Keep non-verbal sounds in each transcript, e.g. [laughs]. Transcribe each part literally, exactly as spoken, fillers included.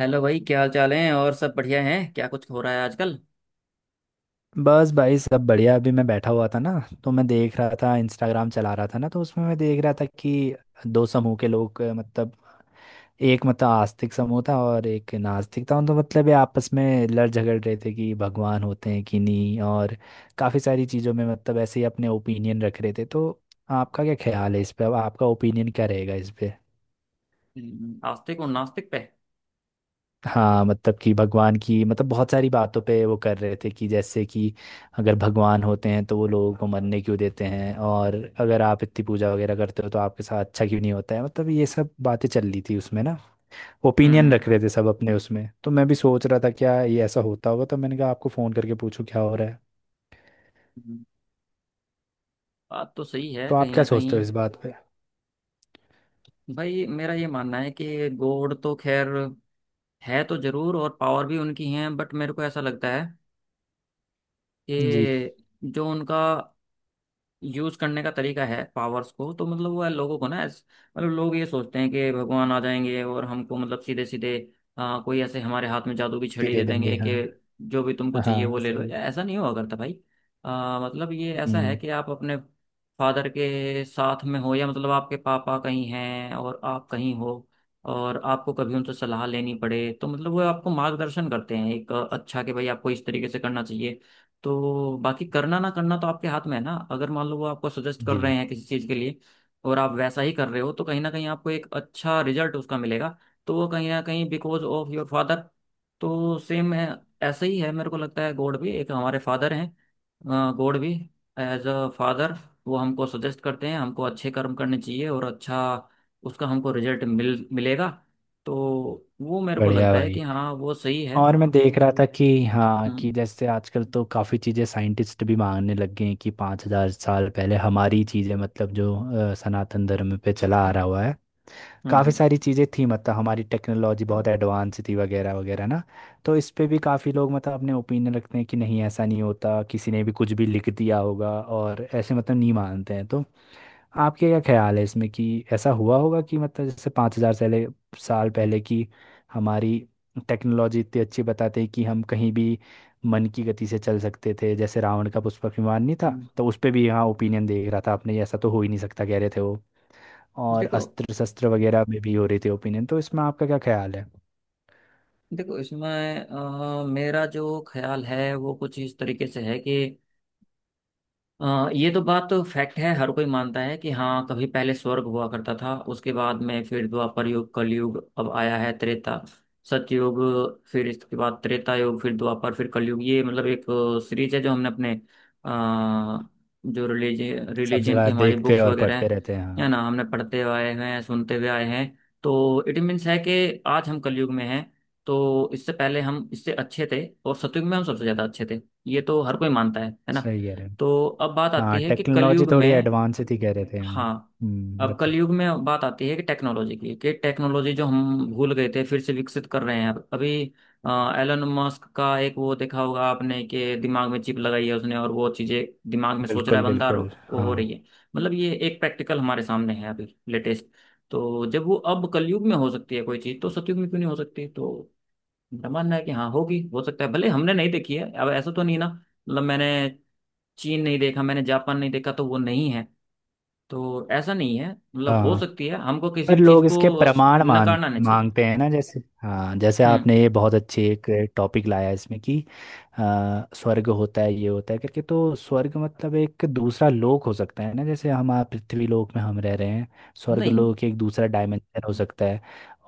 Hello भाई, क्या हाल चाल है। और सब बढ़िया है क्या? कुछ हो रहा है आजकल? बस भाई सब बढ़िया। अभी मैं बैठा हुआ था ना, तो मैं देख रहा था, इंस्टाग्राम चला रहा था ना। तो उसमें मैं देख रहा था कि दो समूह के लोग, अ, मतलब एक मतलब आस्तिक समूह था और एक नास्तिक था। तो मतलब ये आपस में लड़ झगड़ रहे थे कि भगवान होते हैं कि नहीं, और काफ़ी सारी चीज़ों में मतलब ऐसे ही अपने ओपिनियन रख रहे थे। तो आपका क्या ख्याल है इस पे, अब आपका ओपिनियन क्या रहेगा इस पे। हम्म, आस्तिक और नास्तिक पे? हाँ मतलब कि भगवान की मतलब बहुत सारी बातों पे वो कर रहे थे कि जैसे कि अगर भगवान होते हैं तो वो लोगों को मरने क्यों देते हैं, और अगर आप इतनी पूजा वगैरह करते हो तो आपके साथ अच्छा क्यों नहीं होता है, मतलब ये सब बातें चल रही थी उसमें ना। ओपिनियन हम्म। रख रहे थे सब अपने उसमें, तो मैं भी सोच रहा था क्या ये ऐसा होता होगा। तो मैंने कहा आपको फ़ोन करके पूछूं क्या हो रहा है। हम्म। बात तो सही है तो आप कहीं क्या ना सोचते हो कहीं। इस बात पे। भाई, मेरा ये मानना है कि गॉड तो खैर है तो जरूर, और पावर भी उनकी है, बट मेरे को ऐसा लगता है जी। कि जो उनका यूज करने का तरीका है पावर्स को, तो मतलब वो है लोगों को, ना ऐस- मतलब लोग ये सोचते हैं कि भगवान आ जाएंगे और हमको मतलब सीधे सीधे आ, कोई ऐसे हमारे हाथ में जादू की छड़ी दे दे देंगे, देंगे हाँ। कि जो भी तुमको चाहिए वो हाँ ले लो। सही। ऐसा नहीं हुआ करता भाई। आ, मतलब ये ऐसा है हम्म। कि आप अपने फादर के साथ में हो, या मतलब आपके पापा कहीं हैं और आप कहीं हो, और आपको कभी उनसे सलाह लेनी पड़े तो मतलब वो आपको मार्गदर्शन करते हैं एक अच्छा कि भाई आपको इस तरीके से करना चाहिए। तो बाकी करना ना करना तो आपके हाथ में है ना। अगर मान लो वो आपको सजेस्ट कर जी। रहे हैं किसी चीज़ के लिए और आप वैसा ही कर रहे हो, तो कहीं ना कहीं आपको एक अच्छा रिजल्ट उसका मिलेगा। तो वो कहीं ना कहीं बिकॉज ऑफ योर फादर। तो सेम ऐसा ही है मेरे को लगता है, गॉड भी एक हमारे फादर हैं। गॉड भी एज अ फादर वो हमको सजेस्ट करते हैं, हमको अच्छे कर्म करने चाहिए और अच्छा उसका हमको रिजल्ट मिल मिलेगा। तो वो मेरे को बढ़िया लगता है कि भाई। हाँ, वो सही है। और मैं देख रहा था कि हाँ, कि हम्म। जैसे आजकल तो काफ़ी चीज़ें साइंटिस्ट भी मांगने लग गए हैं कि पाँच हज़ार साल पहले हमारी चीज़ें, मतलब जो अ, सनातन धर्म पे चला आ रहा हुआ है, हम्म। काफ़ी हम्म। सारी चीज़ें थी। मतलब हमारी टेक्नोलॉजी बहुत एडवांस थी वगैरह वगैरह ना। तो इस पे भी काफ़ी लोग मतलब अपने ओपिनियन रखते हैं कि नहीं ऐसा नहीं होता, किसी ने भी कुछ भी लिख दिया होगा, और ऐसे मतलब नहीं मानते हैं। तो आपके क्या ख्याल है इसमें कि ऐसा हुआ होगा कि मतलब जैसे पाँच हजार साल साल पहले की हमारी टेक्नोलॉजी इतनी अच्छी बताते हैं कि हम कहीं भी मन की गति से चल सकते थे, जैसे रावण का पुष्पक विमान नहीं था। हम्म। तो उस पे भी यहाँ ओपिनियन देख रहा था, आपने ऐसा तो हो ही नहीं सकता कह रहे थे वो। और देखो अस्त्र शस्त्र वगैरह में भी हो रही थी ओपिनियन। तो इसमें आपका क्या ख्याल है। देखो इसमें अ, मेरा जो ख्याल है वो कुछ इस तरीके से है कि अ, ये तो बात तो फैक्ट है, हर कोई मानता है कि हाँ, कभी पहले स्वर्ग हुआ करता था, उसके बाद में फिर द्वापर युग कलयुग अब आया है। त्रेता सतयुग फिर इसके बाद त्रेता युग फिर द्वापर फिर कलयुग, ये मतलब एक सीरीज है जो हमने अपने अ, जो रिलीजन सब रिलीजन की जगह हमारी देखते बुक्स और वगैरह पढ़ते हैं, रहते हैं, है हाँ। ना, हमने पढ़ते आए हैं, सुनते हुए आए हैं। तो इट मीन्स है कि आज हम कलयुग में हैं। तो इससे पहले हम इससे अच्छे थे, और सतयुग में हम सबसे ज्यादा अच्छे थे। ये तो हर कोई मानता है है ना। सही कह रहे हैं। तो अब बात हाँ आती है कि टेक्नोलॉजी कलयुग थोड़ी में। एडवांस थी कह रहे थे, हाँ। हाँ, हम्म, अब बत- कलयुग में बात आती है कि टेक्नोलॉजी की, कि टेक्नोलॉजी जो हम भूल गए थे फिर से विकसित कर रहे हैं। अब अभी एलन मस्क का एक वो देखा होगा आपने कि दिमाग में चिप लगाई है उसने, और वो चीजें दिमाग में सोच रहा है बिल्कुल बंदा और बिल्कुल। वो हो हाँ। रही है। मतलब ये एक प्रैक्टिकल हमारे सामने है अभी, लेटेस्ट। तो जब वो अब कलयुग में हो सकती है कोई चीज, तो सतयुग में क्यों नहीं हो सकती। तो मेरा मानना है कि हाँ, होगी। हो सकता है भले हमने नहीं देखी है, अब ऐसा तो नहीं ना, मतलब मैंने चीन नहीं देखा, मैंने जापान नहीं देखा तो वो नहीं है। तो ऐसा नहीं है, मतलब हो हाँ, सकती है। हमको किसी पर भी चीज लोग इसके को स- प्रमाण मांग नकारना नहीं चाहिए। मांगते हैं ना। जैसे हाँ, जैसे हम्म। आपने ये बहुत अच्छी एक टॉपिक लाया इसमें कि अ, स्वर्ग होता है ये होता है करके। तो स्वर्ग मतलब एक दूसरा लोक हो सकता है ना, जैसे हम आप पृथ्वी लोक में हम रह रहे हैं, स्वर्ग नहीं। लोक एक दूसरा डायमेंशन हो सकता है।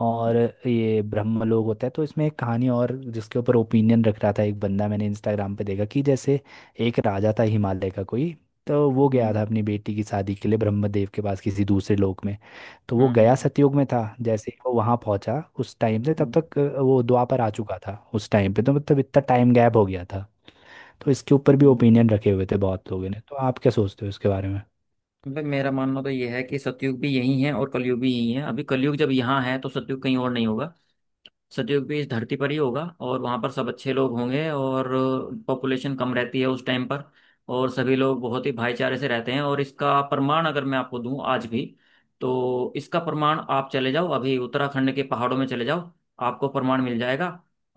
और ये ब्रह्म लोक होता है। तो इसमें एक कहानी, और जिसके ऊपर ओपिनियन रख रहा था एक बंदा, मैंने इंस्टाग्राम पे देखा कि जैसे एक राजा था हिमालय का कोई, तो वो गया था हम्म। अपनी बेटी की शादी के लिए ब्रह्मदेव के पास किसी दूसरे लोक में। तो वो हम्म। गया हम्म। सतयुग में था, जैसे ही वो वहां पहुंचा उस टाइम से तब हम्म। तक अ, वो द्वापर आ चुका था उस टाइम पे, तो मतलब इतना टाइम गैप हो गया था। तो इसके ऊपर भी ओपिनियन हम्म। रखे हुए थे बहुत लोगों ने। तो आप क्या सोचते हो इसके बारे में। भाई मेरा मानना तो ये है कि सतयुग भी यही है और कलयुग भी यही है। अभी कलयुग जब यहाँ है तो सतयुग कहीं और नहीं होगा। सतयुग भी इस धरती पर ही होगा और वहाँ पर सब अच्छे लोग होंगे, और पॉपुलेशन कम रहती है उस टाइम पर, और सभी लोग बहुत ही भाईचारे से रहते हैं। और इसका प्रमाण अगर मैं आपको दूं आज भी, तो इसका प्रमाण आप चले जाओ अभी उत्तराखंड के पहाड़ों में, चले जाओ आपको प्रमाण मिल जाएगा।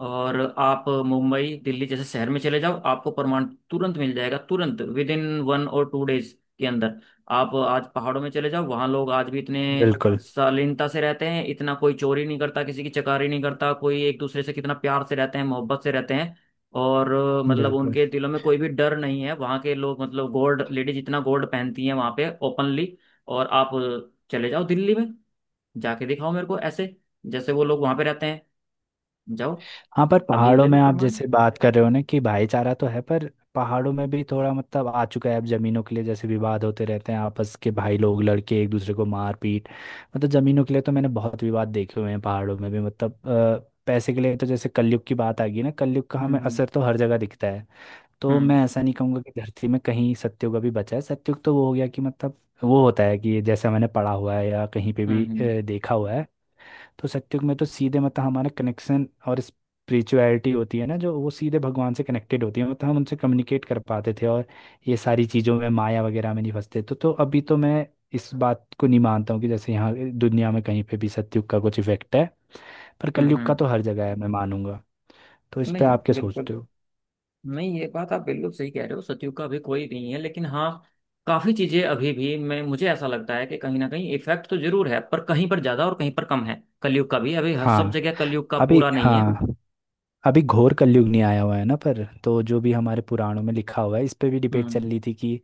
और आप मुंबई दिल्ली जैसे शहर में चले जाओ, आपको प्रमाण तुरंत मिल जाएगा, तुरंत विद इन वन और टू डेज के अंदर। आप आज पहाड़ों में चले जाओ, वहाँ लोग आज भी इतने बिल्कुल शालीनता से रहते हैं, इतना कोई चोरी नहीं करता, किसी की चकारी नहीं करता, कोई एक दूसरे से कितना प्यार से रहते हैं, मोहब्बत से रहते हैं। और अ, मतलब बिल्कुल। उनके दिलों में कोई भी डर नहीं है। वहाँ के लोग, मतलब गोल्ड लेडीज इतना गोल्ड पहनती हैं वहाँ पे ओपनली। और आप अ, चले जाओ दिल्ली में, जाके दिखाओ मेरे को ऐसे जैसे वो लोग वहाँ पे रहते हैं। जाओ, हाँ, पर अभी पहाड़ों ले लो में आप प्रमाण। जैसे बात कर रहे हो ना कि भाईचारा तो है, पर पहाड़ों में भी थोड़ा मतलब आ चुका है अब। जमीनों के लिए जैसे विवाद होते रहते हैं, आपस के भाई लोग लड़के एक दूसरे को मार पीट, मतलब जमीनों के लिए तो मैंने बहुत विवाद देखे हुए हैं पहाड़ों में भी। मतलब अ, पैसे के लिए, तो जैसे कलयुग की बात आ गई ना, कलयुग का हम्म। हमें हम्म। असर तो हर जगह दिखता है। तो हम्म। मैं ऐसा नहीं कहूँगा कि धरती में कहीं सत्युग अभी बचा है। सत्युग तो वो हो गया कि मतलब वो होता है कि जैसा मैंने पढ़ा हुआ है या कहीं पे हम्म। भी हम्म। अ, देखा हुआ है। तो सत्युग में तो सीधे मतलब हमारा कनेक्शन और स्पिरिचुअलिटी होती है ना, जो वो सीधे भगवान से कनेक्टेड होती है, मतलब हम उनसे कम्युनिकेट कर पाते थे और ये सारी चीज़ों में माया वगैरह में नहीं फंसते। तो तो अभी तो मैं इस बात को नहीं मानता हूँ कि जैसे यहाँ दुनिया में कहीं पे भी सत्युग का कुछ इफेक्ट है, पर हम्म। कलयुग का हम्म। तो हर जगह है, मैं मानूंगा। तो इस पे नहीं, आप क्या सोचते बिल्कुल हो। नहीं, ये बात आप बिल्कुल सही कह रहे हो। सतयुग का अभी कोई नहीं है, लेकिन हाँ, काफी चीजें अभी भी मैं, मुझे ऐसा लगता है कि कहीं ना कहीं इफेक्ट तो जरूर है, पर कहीं पर ज्यादा और कहीं पर कम है। कलयुग का भी अभी हर- सब हाँ। जगह कलयुग का अभी पूरा नहीं है। हाँ, अभी घोर कलयुग नहीं आया हुआ है ना पर। तो जो भी हमारे पुराणों में लिखा हुआ है इस पे भी डिबेट चल हम्म। रही थी कि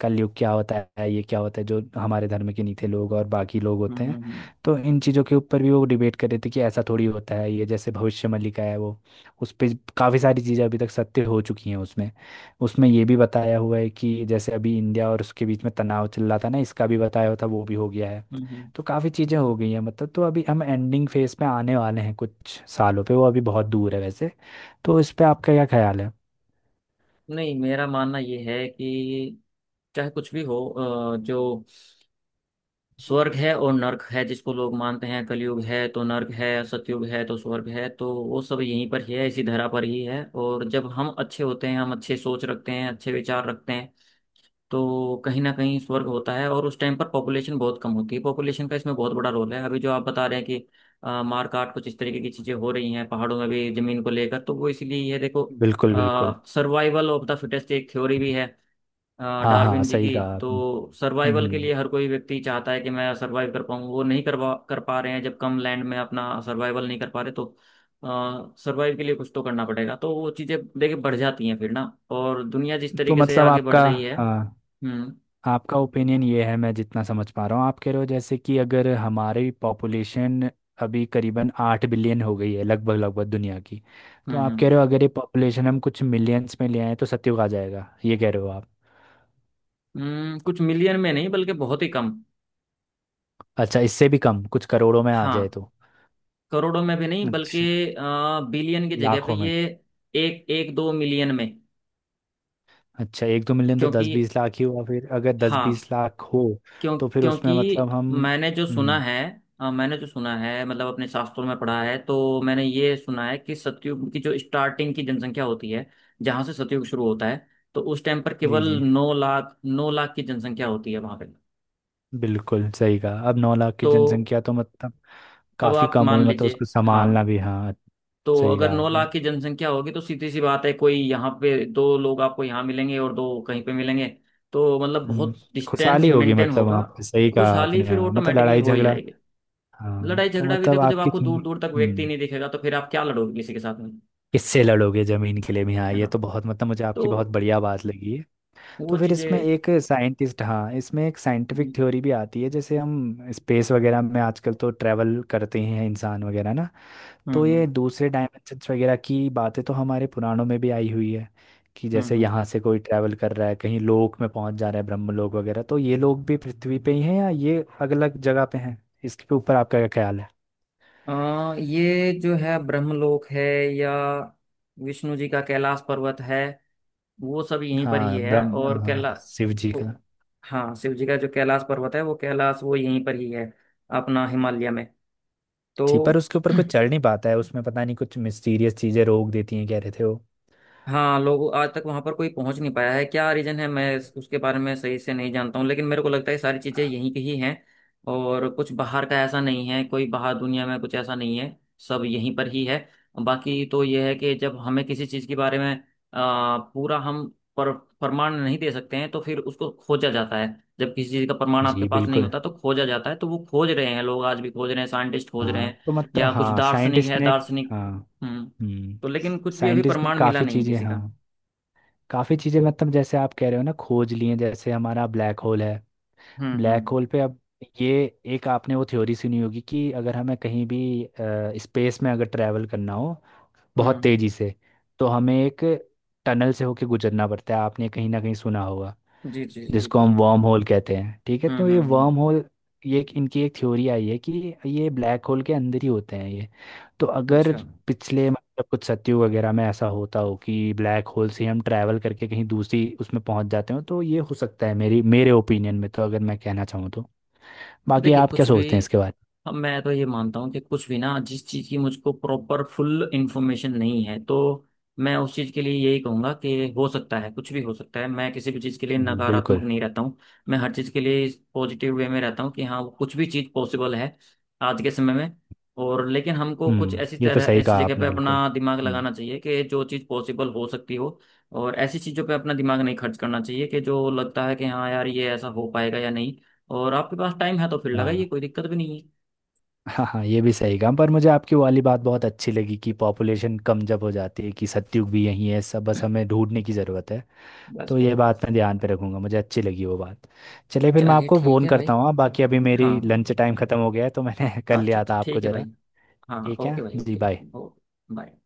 कलयुग क्या होता है, ये क्या होता है, जो हमारे धर्म के नीचे लोग और बाकी लोग हम्म। होते हम्म। हैं। हम्म। तो इन चीज़ों के ऊपर भी वो डिबेट कर रहे थे कि ऐसा थोड़ी होता है ये, जैसे भविष्य में लिखा है वो, उस पे काफ़ी सारी चीज़ें अभी तक सत्य हो चुकी हैं उसमें उसमें ये भी बताया हुआ है कि जैसे अभी इंडिया और उसके बीच में तनाव चल रहा था ना, इसका भी बताया हुआ था, वो भी हो गया है। हम्म। हम्म। तो काफ़ी चीज़ें हो गई हैं मतलब। तो अभी हम एंडिंग फेज में आने वाले हैं कुछ सालों पे, वो अभी बहुत दूर है वैसे। तो इस पे आपका क्या ख्याल है। नहीं मेरा मानना ये है कि चाहे कुछ भी हो, अ, जो स्वर्ग है और नर्क है जिसको लोग मानते हैं, कलयुग है तो नर्क है, सतयुग है तो स्वर्ग है, तो वो सब यहीं पर ही है, इसी धरा पर ही है। और जब हम अच्छे होते हैं, हम अच्छे सोच रखते हैं, अच्छे विचार रखते हैं, तो कहीं ना कहीं स्वर्ग होता है। और उस टाइम पर पॉपुलेशन बहुत कम होती है, पॉपुलेशन का इसमें बहुत बड़ा रोल है। अभी जो आप बता रहे हैं कि अ, मार काट कुछ इस तरीके की चीजें हो रही हैं पहाड़ों में भी जमीन को लेकर, तो वो इसीलिए। ये देखो, बिल्कुल बिल्कुल। सर्वाइवल ऑफ द फिटेस्ट एक थ्योरी भी है अ, हाँ हाँ डार्विन जी सही की। कहा तो आपने। सर्वाइवल के हम्म। लिए हर कोई व्यक्ति चाहता है कि मैं सर्वाइव कर पाऊँ, वो नहीं करवा कर पा रहे हैं। जब कम लैंड में अपना सर्वाइवल नहीं कर पा रहे, तो सर्वाइव के लिए कुछ तो करना पड़ेगा। तो वो चीजें देखिए बढ़ जाती हैं फिर ना। और दुनिया जिस तो तरीके से मतलब आगे बढ़ आपका, रही है। हाँ, हम्म। आपका ओपिनियन ये है, मैं जितना समझ पा रहा हूँ आप कह रहे हो जैसे कि अगर हमारी पॉपुलेशन अभी करीबन आठ बिलियन हो गई है लगभग लगभग दुनिया की। तो हम्म। आप कह हम्म। रहे हो अगर ये पॉपुलेशन हम कुछ मिलियंस में ले आए तो सत्युग आ जाएगा, ये कह रहे हो आप। हम्म, कुछ मिलियन में नहीं, बल्कि बहुत ही कम। अच्छा, इससे भी कम, कुछ करोड़ों में आ जाए हाँ, तो। करोड़ों में भी नहीं, बल्कि अच्छा, बिलियन की जगह पे लाखों ये में। एक एक दो मिलियन में। अच्छा, एक दो मिलियन तो दस क्योंकि, बीस लाख ही हुआ। फिर अगर दस हाँ, बीस लाख हो क्यों? तो फिर उसमें क्योंकि मतलब हम। मैंने जो सुना हम्म। है, अ, मैंने जो सुना है मतलब अपने शास्त्रों में पढ़ा है, तो मैंने ये सुना है कि सतयुग की जो स्टार्टिंग की जनसंख्या होती है, जहाँ से सतयुग शुरू होता है, तो उस टाइम पर जी केवल जी। नौ लाख, नौ लाख की जनसंख्या होती है वहां पे। बिल्कुल सही कहा। अब नौ लाख की तो जनसंख्या तो मतलब अब काफी आप कम हुई, मान मतलब लीजिए, उसको हाँ, संभालना भी, हाँ। तो सही अगर कहा नौ आपने, लाख की जनसंख्या होगी तो सीधी सी बात है, कोई यहाँ पे दो लोग आपको यहाँ मिलेंगे और दो कहीं पे मिलेंगे। तो मतलब हम्म। बहुत डिस्टेंस खुशहाली होगी मेंटेन मतलब होगा। वहाँ पे, सही कहा खुशहाली आपने फिर हाँ, मतलब ऑटोमेटिकली लड़ाई हो ही झगड़ा। जाएगी। हाँ लड़ाई तो झगड़ा भी मतलब देखो, जब आपकी, आपको दूर दूर तक व्यक्ति हम्म, नहीं दिखेगा तो फिर आप क्या लड़ोगे किसी के साथ में। किससे लड़ोगे जमीन के लिए भी, हाँ। है ये ना। तो बहुत मतलब, मुझे तो आपकी बहुत बढ़िया बात लगी। तो वो फिर इसमें चीजें। एक साइंटिस्ट, हाँ, इसमें एक साइंटिफिक हम्म। थ्योरी भी आती है जैसे हम स्पेस वगैरह में आजकल तो ट्रैवल करते ही हैं इंसान वगैरह ना। तो हम्म। ये दूसरे डायमेंशंस वगैरह की बातें तो हमारे पुराणों में भी आई हुई है, कि हम्म। जैसे यहाँ हम्म। से कोई ट्रैवल कर रहा है कहीं लोक में पहुंच जा रहा है ब्रह्मलोक वगैरह। तो ये लोग भी पृथ्वी पे ही हैं या ये अलग अलग जगह पे हैं, इसके ऊपर आपका क्या ख्याल है। अ, ये जो है ब्रह्मलोक है या विष्णु जी का कैलाश पर्वत है, वो सब यहीं पर ही हाँ है। ब्रह्म और कैला हाँ, शिव जी वो- का। हाँ, शिव जी का जो कैलाश पर्वत है, वो कैलाश वो यहीं पर ही है, अपना हिमालय में। जी, पर तो उसके ऊपर कुछ [clears throat] चढ़ नहीं पाता है उसमें, पता नहीं कुछ मिस्टीरियस चीजें रोक देती हैं कह रहे थे वो। हाँ, लोग आज तक वहां पर कोई पहुंच नहीं पाया है, क्या रीजन है मैं इस- उसके बारे में सही से नहीं जानता हूँ। लेकिन मेरे को लगता है सारी चीजें यहीं की ही हैं, और कुछ बाहर का ऐसा नहीं है, कोई बाहर दुनिया में कुछ ऐसा नहीं है, सब यहीं पर ही है। बाकी तो यह है कि जब हमें किसी चीज के बारे में आ, पूरा हम पर प्रमाण नहीं दे सकते हैं, तो फिर उसको खोजा जाता है। जब किसी चीज का प्रमाण आपके जी पास नहीं बिल्कुल। होता तो खोजा जाता है, तो वो खोज रहे हैं। लोग आज भी खोज रहे हैं, साइंटिस्ट खोज रहे हाँ हैं, तो मतलब, या कुछ हाँ दार्शनिक साइंटिस्ट है, ने। दार्शनिक। हाँ। हम्म। हम्म। तो लेकिन कुछ भी अभी साइंटिस्ट ने प्रमाण मिला काफ़ी नहीं है चीज़ें, किसी हाँ। का। काफ़ी चीज़ें, मतलब जैसे आप कह रहे हो ना, खोज लिए हैं। जैसे हमारा ब्लैक होल है। हम्म। Black hmm. होल पे अब ये, एक आपने वो थ्योरी सुनी होगी कि अगर हमें कहीं भी स्पेस में अगर ट्रैवल करना हो बहुत हम्म। तेज़ी से, तो हमें एक टनल से होके गुजरना पड़ता है, आपने कहीं ना कहीं सुना होगा, जी जी जी, जिसको बिल्कुल हम बिल्कुल। वर्म होल कहते हैं, ठीक है। हम्म। तो ये हम्म। हम्म। वर्म होल, ये एक- इनकी एक थ्योरी आई है कि ये ब्लैक होल के अंदर ही होते हैं ये। तो अगर अच्छा। पिछले मतलब कुछ सत्युग वगैरह में ऐसा होता हो कि ब्लैक होल से हम ट्रैवल करके कहीं दूसरी उसमें पहुंच जाते हो, तो ये हो सकता है मेरी मेरे ओपिनियन में, तो अगर मैं कहना चाहूँ तो। बाकी देखिए आप क्या कुछ भी। सोचते हैं इसके बारे अब मैं तो ये मानता हूँ कि कुछ भी ना, जिस चीज़ की मुझको प्रॉपर फुल इंफॉर्मेशन नहीं है, तो मैं उस चीज़ के लिए यही कहूँगा कि हो सकता है, कुछ भी हो सकता है। मैं किसी भी चीज़ के लिए में। जी बिल्कुल। नकारात्मक नहीं रहता हूँ, मैं हर चीज़ के लिए पॉजिटिव वे में रहता हूँ कि हाँ, कुछ भी चीज़ पॉसिबल है आज के समय में। और लेकिन हमको कुछ हम्म, ऐसी ये तो तरह सही ऐसी कहा जगह आपने पे बिल्कुल। अपना दिमाग हम्म। लगाना चाहिए कि जो चीज़ पॉसिबल हो सकती हो। और ऐसी चीज़ों पे अपना दिमाग नहीं खर्च करना चाहिए कि जो लगता है कि हाँ यार, ये ऐसा हो पाएगा या नहीं। और आपके पास टाइम है तो फिर लगाइए, हाँ। कोई दिक्कत भी नहीं है। हाँ हाँ, ये भी सही कहा, पर मुझे आपकी वाली बात बहुत अच्छी लगी कि पॉपुलेशन कम जब हो जाती है, कि सत्युग भी यहीं है सब, बस हमें ढूंढने की ज़रूरत है। बस, तो ये बस, बात बस। मैं ध्यान पे रखूंगा, मुझे अच्छी लगी वो बात। चलिए फिर, मैं चलिए आपको ठीक फ़ोन है करता भाई। हूँ, हाँ, बाकी अभी हाँ। मेरी लंच टाइम ख़त्म हो गया है तो मैंने [laughs] कर अच्छा लिया अच्छा, था आपको ठीक है ज़रा। भाई। हाँ, ठीक है ओके भाई, जी, ओके। बाय। ओ। बाय।